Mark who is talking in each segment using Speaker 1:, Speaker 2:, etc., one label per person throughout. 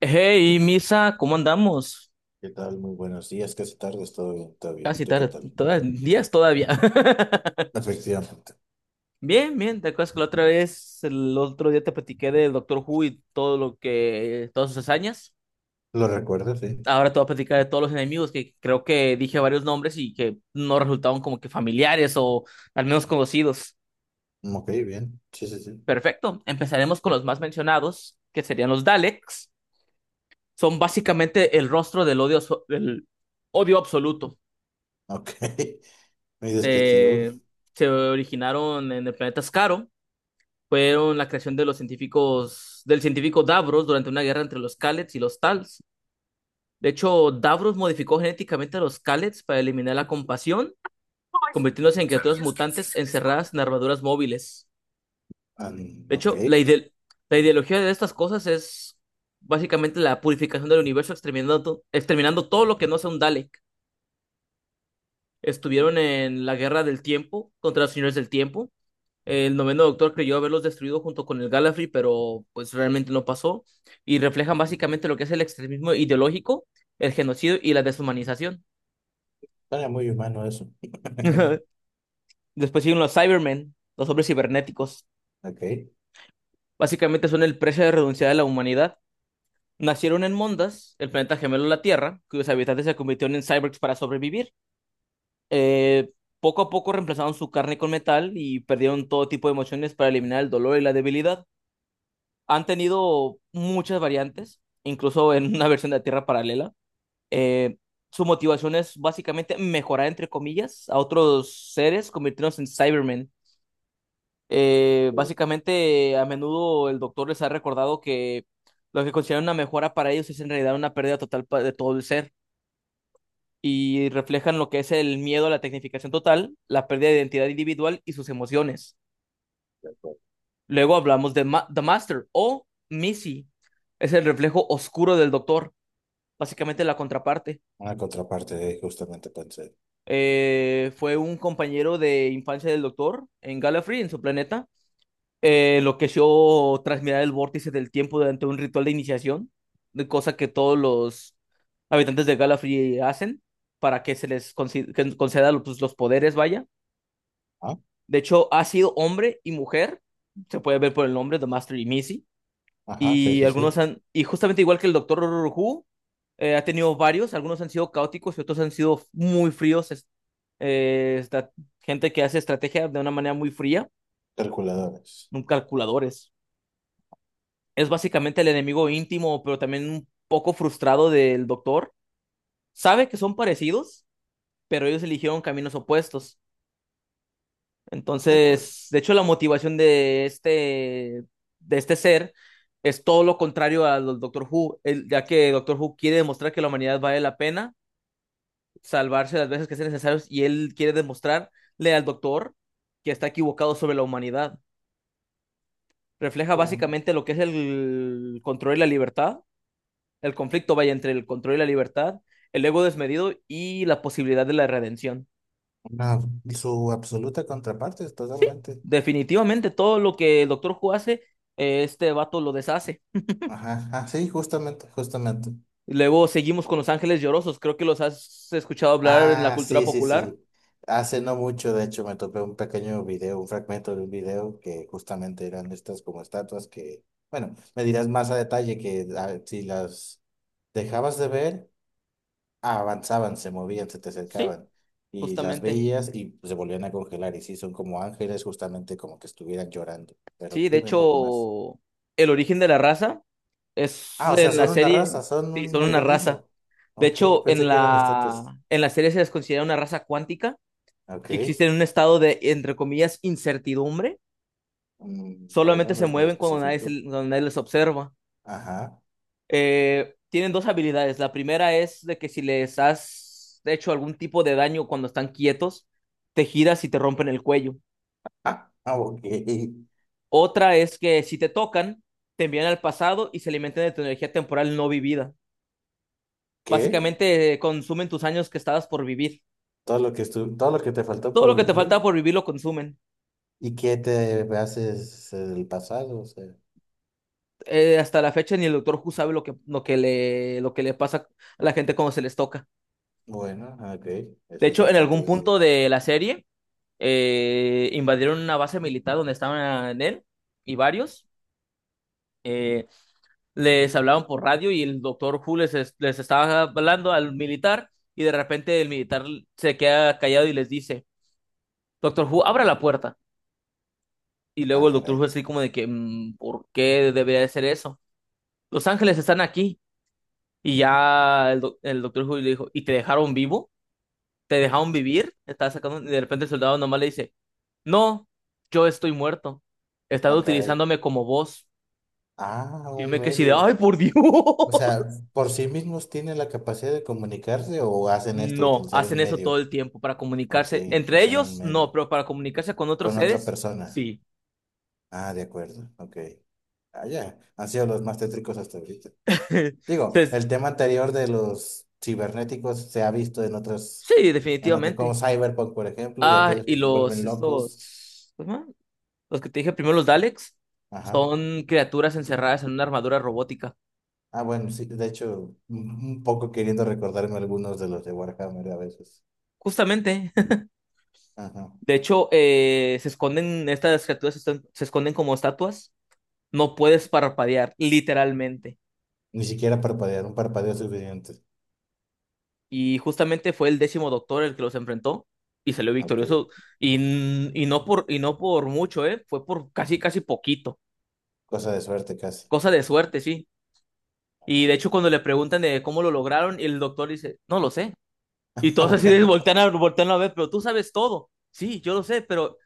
Speaker 1: Hey, Misa, ¿cómo andamos?
Speaker 2: ¿Qué tal? Muy buenos días, casi tardes, todo bien, todo bien.
Speaker 1: Casi
Speaker 2: ¿Tú qué
Speaker 1: tarde,
Speaker 2: tal?
Speaker 1: días todavía.
Speaker 2: Efectivamente.
Speaker 1: Bien, bien, ¿te acuerdas que la otra vez, el otro día te platiqué del Doctor Who y todas sus hazañas?
Speaker 2: ¿Lo recuerdas? Sí.
Speaker 1: Ahora te voy a platicar de todos los enemigos que creo que dije varios nombres y que no resultaban como que familiares o al menos conocidos.
Speaker 2: Ok, bien. Sí, sí, sí.
Speaker 1: Perfecto, empezaremos con los más mencionados, que serían los Daleks. Son básicamente el rostro del odio, del odio absoluto.
Speaker 2: Ok. Muy descriptivo.
Speaker 1: eh, Se originaron en el planeta Skaro. Fueron la creación de los científicos, del científico Davros durante una guerra entre los Kallets y los Tals. De hecho, Davros modificó genéticamente a los Kallets para eliminar la compasión, convirtiéndose en criaturas
Speaker 2: ¿Sabías que
Speaker 1: mutantes
Speaker 2: existe un
Speaker 1: encerradas
Speaker 2: espada?
Speaker 1: en armaduras móviles.
Speaker 2: Ah, mm,
Speaker 1: De
Speaker 2: ok.
Speaker 1: hecho, la ideología de estas cosas es básicamente la purificación del universo, exterminando, exterminando todo lo que no sea un Dale. Estuvieron en la Guerra del Tiempo contra los Señores del Tiempo. El noveno doctor creyó haberlos destruido junto con el Gallifrey, pero pues realmente no pasó. Y reflejan básicamente lo que es el extremismo ideológico, el genocidio y la deshumanización.
Speaker 2: Suena muy humano eso.
Speaker 1: Después siguen los Cybermen, los hombres cibernéticos.
Speaker 2: Ok.
Speaker 1: Básicamente son el precio de renunciar de la humanidad. Nacieron en Mondas, el planeta gemelo de la Tierra, cuyos habitantes se convirtieron en cyborgs para sobrevivir. Eh, Poco a poco reemplazaron su carne con metal y perdieron todo tipo de emociones para eliminar el dolor y la debilidad. Han tenido muchas variantes, incluso en una versión de la Tierra Paralela. Eh, Su motivación es básicamente mejorar, entre comillas, a otros seres, convirtiéndose en Cybermen.
Speaker 2: Sí,
Speaker 1: Básicamente, a menudo el doctor les ha recordado que lo que consideran una mejora para ellos es en realidad una pérdida total de todo el ser. Y reflejan lo que es el miedo a la tecnificación total, la pérdida de identidad individual y sus emociones.
Speaker 2: de acuerdo.
Speaker 1: Luego hablamos de The Master o Missy. Es el reflejo oscuro del doctor, básicamente la contraparte.
Speaker 2: Una contraparte de justamente pensé.
Speaker 1: Fue un compañero de infancia del doctor en Gallifrey, en su planeta. Lo que yo tras mirar el vórtice del tiempo durante un ritual de iniciación, de cosa que todos los habitantes de Gallifrey hacen para que se les que conceda los, pues, los poderes, vaya.
Speaker 2: ¿Ah?
Speaker 1: De hecho, ha sido hombre y mujer, se puede ver por el nombre, The Master y Missy,
Speaker 2: Ajá, sí, sí, sí.
Speaker 1: y justamente igual que el Doctor Who, ha tenido varios, algunos han sido caóticos y otros han sido muy fríos, esta gente que hace estrategia de una manera muy fría,
Speaker 2: Calculadores.
Speaker 1: un calculadores. Es básicamente el enemigo íntimo, pero también un poco frustrado del Doctor. Sabe que son parecidos, pero ellos eligieron caminos opuestos.
Speaker 2: De acuerdo.
Speaker 1: Entonces, de hecho, la motivación de este ser es todo lo contrario al Doctor Who, ya que Doctor Who quiere demostrar que la humanidad vale la pena salvarse las veces que sean necesarios y él quiere demostrarle al Doctor que está equivocado sobre la humanidad. Refleja
Speaker 2: Mira,
Speaker 1: básicamente lo que es el control y la libertad, el conflicto vaya entre el control y la libertad, el ego desmedido y la posibilidad de la redención.
Speaker 2: una, su absoluta contraparte es
Speaker 1: Sí,
Speaker 2: totalmente.
Speaker 1: definitivamente todo lo que el Doctor Who hace, este vato lo deshace.
Speaker 2: Ajá, ah, sí, justamente, justamente.
Speaker 1: Luego seguimos con Los Ángeles Llorosos. Creo que los has escuchado hablar en la
Speaker 2: Ah,
Speaker 1: cultura
Speaker 2: sí, sí,
Speaker 1: popular.
Speaker 2: sí. Hace no mucho, de hecho, me topé un pequeño video, un fragmento de un video que justamente eran estas como estatuas que, bueno, me dirás más a detalle que ah, si las dejabas de ver, ah, avanzaban, se movían, se te
Speaker 1: Sí,
Speaker 2: acercaban y las
Speaker 1: justamente.
Speaker 2: veías y se volvían a congelar y sí, son como ángeles, justamente como que estuvieran llorando. Pero
Speaker 1: Sí, de
Speaker 2: dime un poco más.
Speaker 1: hecho, el origen de la raza es
Speaker 2: Ah, o sea,
Speaker 1: en la
Speaker 2: son una
Speaker 1: serie.
Speaker 2: raza, son
Speaker 1: Sí,
Speaker 2: un
Speaker 1: son una raza.
Speaker 2: organismo.
Speaker 1: De
Speaker 2: Ok, yo
Speaker 1: hecho,
Speaker 2: pensé
Speaker 1: en
Speaker 2: que eran estatuas.
Speaker 1: la, en la serie se les considera una raza cuántica que
Speaker 2: Ok.
Speaker 1: existe en un estado de, entre comillas, incertidumbre. Solamente
Speaker 2: Bueno, no
Speaker 1: se
Speaker 2: es muy
Speaker 1: mueven
Speaker 2: específico.
Speaker 1: cuando nadie les observa.
Speaker 2: Ajá.
Speaker 1: Tienen dos habilidades. La primera es de que si les has hecho algún tipo de daño cuando están quietos, te giras y te rompen el cuello.
Speaker 2: Ah, ah, ok.
Speaker 1: Otra es que si te tocan, te envían al pasado y se alimentan de tu energía temporal no vivida.
Speaker 2: ¿Qué?
Speaker 1: Básicamente consumen tus años que estabas por vivir.
Speaker 2: Todo lo que te faltó
Speaker 1: Todo
Speaker 2: por
Speaker 1: lo que te
Speaker 2: vivir
Speaker 1: falta por vivir lo consumen.
Speaker 2: y qué te haces del pasado, o sea.
Speaker 1: Hasta la fecha ni el Doctor Who sabe lo que le pasa a la gente cuando se les toca.
Speaker 2: Bueno, ah, ok.
Speaker 1: De
Speaker 2: Eso es
Speaker 1: hecho, en
Speaker 2: bastante
Speaker 1: algún
Speaker 2: decir.
Speaker 1: punto de la serie, invadieron una base militar donde estaban él y varios. eh, Les hablaban por radio y el doctor Who les estaba hablando al militar y de repente el militar se queda callado y les dice, Doctor Who, abra la puerta. Y
Speaker 2: Ah,
Speaker 1: luego el Doctor Who
Speaker 2: caray.
Speaker 1: así como de que, ¿Por qué debería de ser eso? Los ángeles están aquí". Y ya el Doctor Who le dijo, ¿y te dejaron vivo? Te dejaron vivir, estás sacando, y de repente el soldado nomás le dice, no, yo estoy muerto, estaba
Speaker 2: Ah, caray.
Speaker 1: utilizándome como voz.
Speaker 2: Ah,
Speaker 1: Y yo
Speaker 2: un
Speaker 1: me quedé así de,
Speaker 2: medio.
Speaker 1: ay, por Dios.
Speaker 2: O sea, ¿por sí mismos tienen la capacidad de comunicarse o hacen esto,
Speaker 1: No,
Speaker 2: utilizar
Speaker 1: hacen
Speaker 2: un
Speaker 1: eso todo
Speaker 2: medio?
Speaker 1: el tiempo para
Speaker 2: Ok,
Speaker 1: comunicarse. Entre
Speaker 2: usan un
Speaker 1: ellos,
Speaker 2: medio.
Speaker 1: no, pero para comunicarse con otros
Speaker 2: Con otra
Speaker 1: seres,
Speaker 2: persona.
Speaker 1: sí.
Speaker 2: Ah, de acuerdo. Ok. Ah, ya. Han sido los más tétricos hasta ahorita. Digo,
Speaker 1: Entonces,
Speaker 2: el tema anterior de los cibernéticos se ha visto
Speaker 1: sí,
Speaker 2: en otros, como
Speaker 1: definitivamente.
Speaker 2: Cyberpunk, por ejemplo, y
Speaker 1: Ah,
Speaker 2: aquellos
Speaker 1: y
Speaker 2: que se vuelven locos.
Speaker 1: estos, ¿cómo se llama? Los que te dije primero, los Daleks,
Speaker 2: Ajá.
Speaker 1: son criaturas encerradas en una armadura robótica.
Speaker 2: Ah, bueno, sí, de hecho, un poco queriendo recordarme algunos de los de Warhammer a veces.
Speaker 1: Justamente.
Speaker 2: Ajá.
Speaker 1: De hecho, se esconden, estas criaturas se esconden como estatuas. No puedes parpadear, literalmente.
Speaker 2: Ni siquiera parpadear, un parpadeo es suficiente.
Speaker 1: Y justamente fue el décimo doctor el que los enfrentó y salió
Speaker 2: Ah, ok.
Speaker 1: victorioso. Y no por mucho, ¿eh? Fue por casi, casi poquito.
Speaker 2: Cosa de suerte casi.
Speaker 1: Cosa de suerte, sí. Y de hecho,
Speaker 2: Ok.
Speaker 1: cuando le preguntan de cómo lo lograron, el doctor dice, no lo sé. Y
Speaker 2: Ah,
Speaker 1: todos así de
Speaker 2: bueno.
Speaker 1: voltean a ver, pero tú sabes todo. Sí, yo lo sé, pero...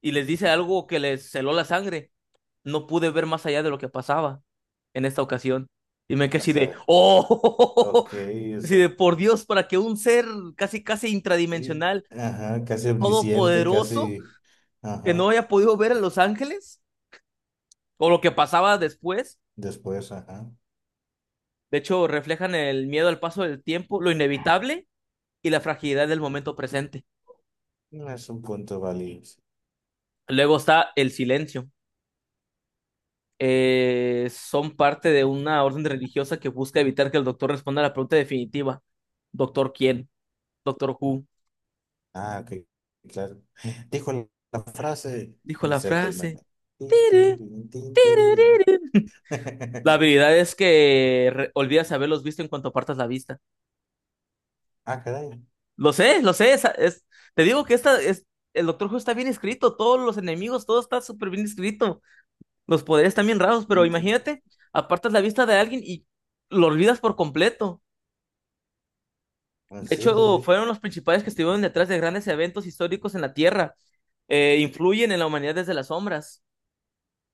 Speaker 1: Y les dice algo que les celó la sangre. No pude ver más allá de lo que pasaba en esta ocasión. Y me quedé
Speaker 2: O
Speaker 1: así de,
Speaker 2: sea,
Speaker 1: ¡oh!
Speaker 2: ok, o
Speaker 1: Así
Speaker 2: sea,
Speaker 1: de, por Dios, para que un ser casi, casi
Speaker 2: y-
Speaker 1: intradimensional,
Speaker 2: ajá, casi omnisciente,
Speaker 1: todopoderoso,
Speaker 2: casi,
Speaker 1: que no
Speaker 2: ajá,
Speaker 1: haya podido ver a Los Ángeles, o lo que pasaba después.
Speaker 2: después, ajá.
Speaker 1: De hecho, reflejan el miedo al paso del tiempo, lo inevitable y la fragilidad del momento presente.
Speaker 2: No es un punto válido.
Speaker 1: Luego está el silencio. Son parte de una orden religiosa que busca evitar que el doctor responda a la pregunta definitiva. ¿Doctor quién? ¿Doctor who?
Speaker 2: Ah, ok, claro. Dijo la frase,
Speaker 1: Dijo la
Speaker 2: inserte el
Speaker 1: frase.
Speaker 2: meme. Tin,
Speaker 1: "Tiri,
Speaker 2: tirirín, tin,
Speaker 1: tiri,
Speaker 2: tirirín.
Speaker 1: tiri". La habilidad es que olvidas haberlos visto en cuanto apartas la vista.
Speaker 2: Ah, caray.
Speaker 1: Lo sé, lo sé. Te digo que el Doctor Who está bien escrito. Todos los enemigos, todo está súper bien escrito. Los poderes están bien raros, pero
Speaker 2: Mm, pu-
Speaker 1: imagínate, apartas la vista de alguien y lo olvidas por completo. De
Speaker 2: Sí, sí,
Speaker 1: hecho,
Speaker 2: sí.
Speaker 1: fueron los principales que estuvieron detrás de grandes eventos históricos en la Tierra. Influyen en la humanidad desde las sombras.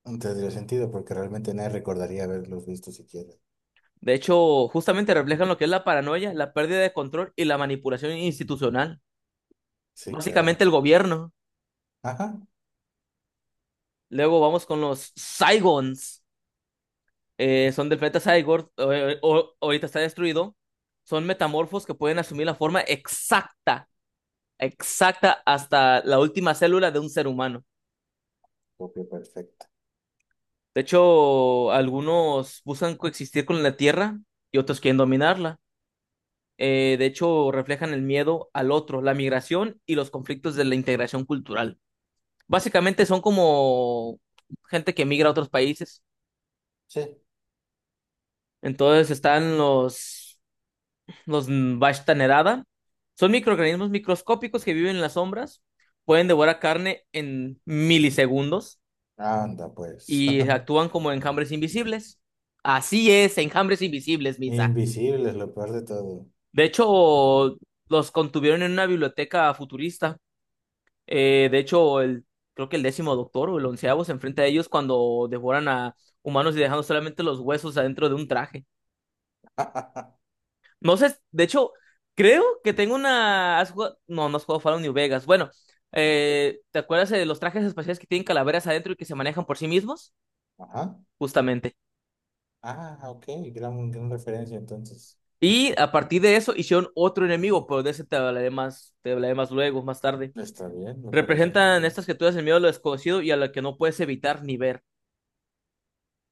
Speaker 2: No tendría sentido porque realmente nadie recordaría haberlos visto siquiera.
Speaker 1: De hecho, justamente reflejan lo que es la paranoia, la pérdida de control y la manipulación institucional.
Speaker 2: Sí,
Speaker 1: Básicamente
Speaker 2: claro.
Speaker 1: el gobierno.
Speaker 2: Ajá,
Speaker 1: Luego vamos con los Saigons. Son del planeta Saigor. Ahorita está destruido. Son metamorfos que pueden asumir la forma exacta, exacta hasta la última célula de un ser humano.
Speaker 2: copia perfecta.
Speaker 1: De hecho, algunos buscan coexistir con la Tierra y otros quieren dominarla. De hecho, reflejan el miedo al otro, la migración y los conflictos de la integración cultural. Básicamente son como gente que migra a otros países.
Speaker 2: Sí,
Speaker 1: Entonces están los Vashta Nerada. Son microorganismos microscópicos que viven en las sombras. Pueden devorar carne en milisegundos
Speaker 2: anda pues.
Speaker 1: y actúan como enjambres invisibles. Así es, enjambres invisibles, Misa.
Speaker 2: Invisible es lo peor de todo.
Speaker 1: De hecho, los contuvieron en una biblioteca futurista. De hecho, creo que el décimo doctor o el onceavo se enfrenta a ellos cuando devoran a humanos y dejando solamente los huesos adentro de un traje. No sé, de hecho, creo que tengo una. No, no has jugado Fallout New Vegas. Bueno,
Speaker 2: No,
Speaker 1: ¿te acuerdas de los trajes espaciales que tienen calaveras adentro y que se manejan por sí mismos?
Speaker 2: ajá.
Speaker 1: Justamente.
Speaker 2: Ah, ok, gran, gran referencia entonces.
Speaker 1: Y a partir de eso hicieron otro enemigo, pero de ese te hablaré más luego, más tarde.
Speaker 2: Está bien, me parece muy
Speaker 1: Representan
Speaker 2: bien.
Speaker 1: estas criaturas el miedo a lo desconocido y a lo que no puedes evitar ni ver.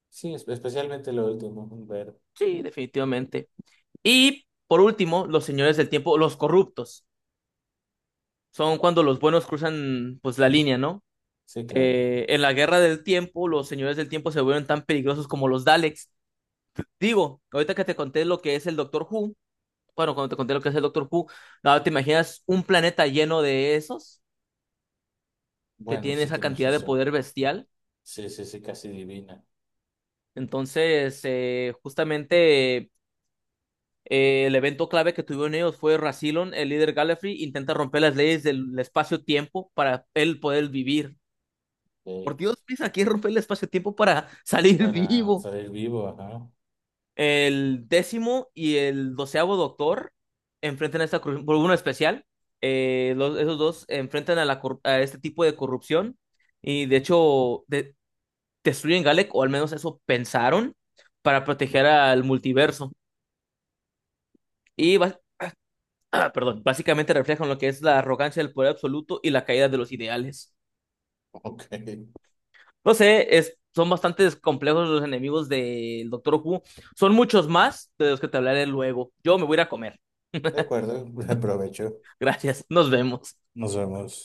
Speaker 2: Sí, es- especialmente lo último, ver.
Speaker 1: Sí, definitivamente. Y por último, los señores del tiempo, los corruptos. Son cuando los buenos cruzan pues la línea, ¿no?
Speaker 2: Sí, claro.
Speaker 1: En la guerra del tiempo, los señores del tiempo se vuelven tan peligrosos como los Daleks. Digo, ahorita que te conté lo que es el Doctor Who, bueno, cuando te conté lo que es el Doctor Who, ahora te imaginas un planeta lleno de esos que
Speaker 2: Bueno,
Speaker 1: tienen
Speaker 2: sí
Speaker 1: esa
Speaker 2: tienes
Speaker 1: cantidad de
Speaker 2: razón.
Speaker 1: poder bestial.
Speaker 2: Sí, sí, sí, casi divina.
Speaker 1: Entonces, justamente el evento clave que tuvieron ellos fue Rassilon, el líder Gallifrey, intenta romper las leyes del espacio-tiempo para él poder vivir. Por
Speaker 2: Ok.
Speaker 1: Dios, Luis, aquí rompe el espacio-tiempo para salir
Speaker 2: Para
Speaker 1: vivo.
Speaker 2: salir vivo, ajá.
Speaker 1: El décimo y el doceavo doctor enfrentan a esta corrupción por uno especial. Esos dos enfrentan a este tipo de corrupción y de hecho destruyen Galek, o al menos eso pensaron, para proteger al multiverso. Y bas- perdón, básicamente reflejan lo que es la arrogancia del poder absoluto y la caída de los ideales.
Speaker 2: Ok. De
Speaker 1: No sé, son bastante complejos los enemigos del Doctor Who. Son muchos más de los que te hablaré luego. Yo me voy a ir a comer.
Speaker 2: acuerdo, aprovecho.
Speaker 1: Gracias, nos vemos.
Speaker 2: Nos vemos.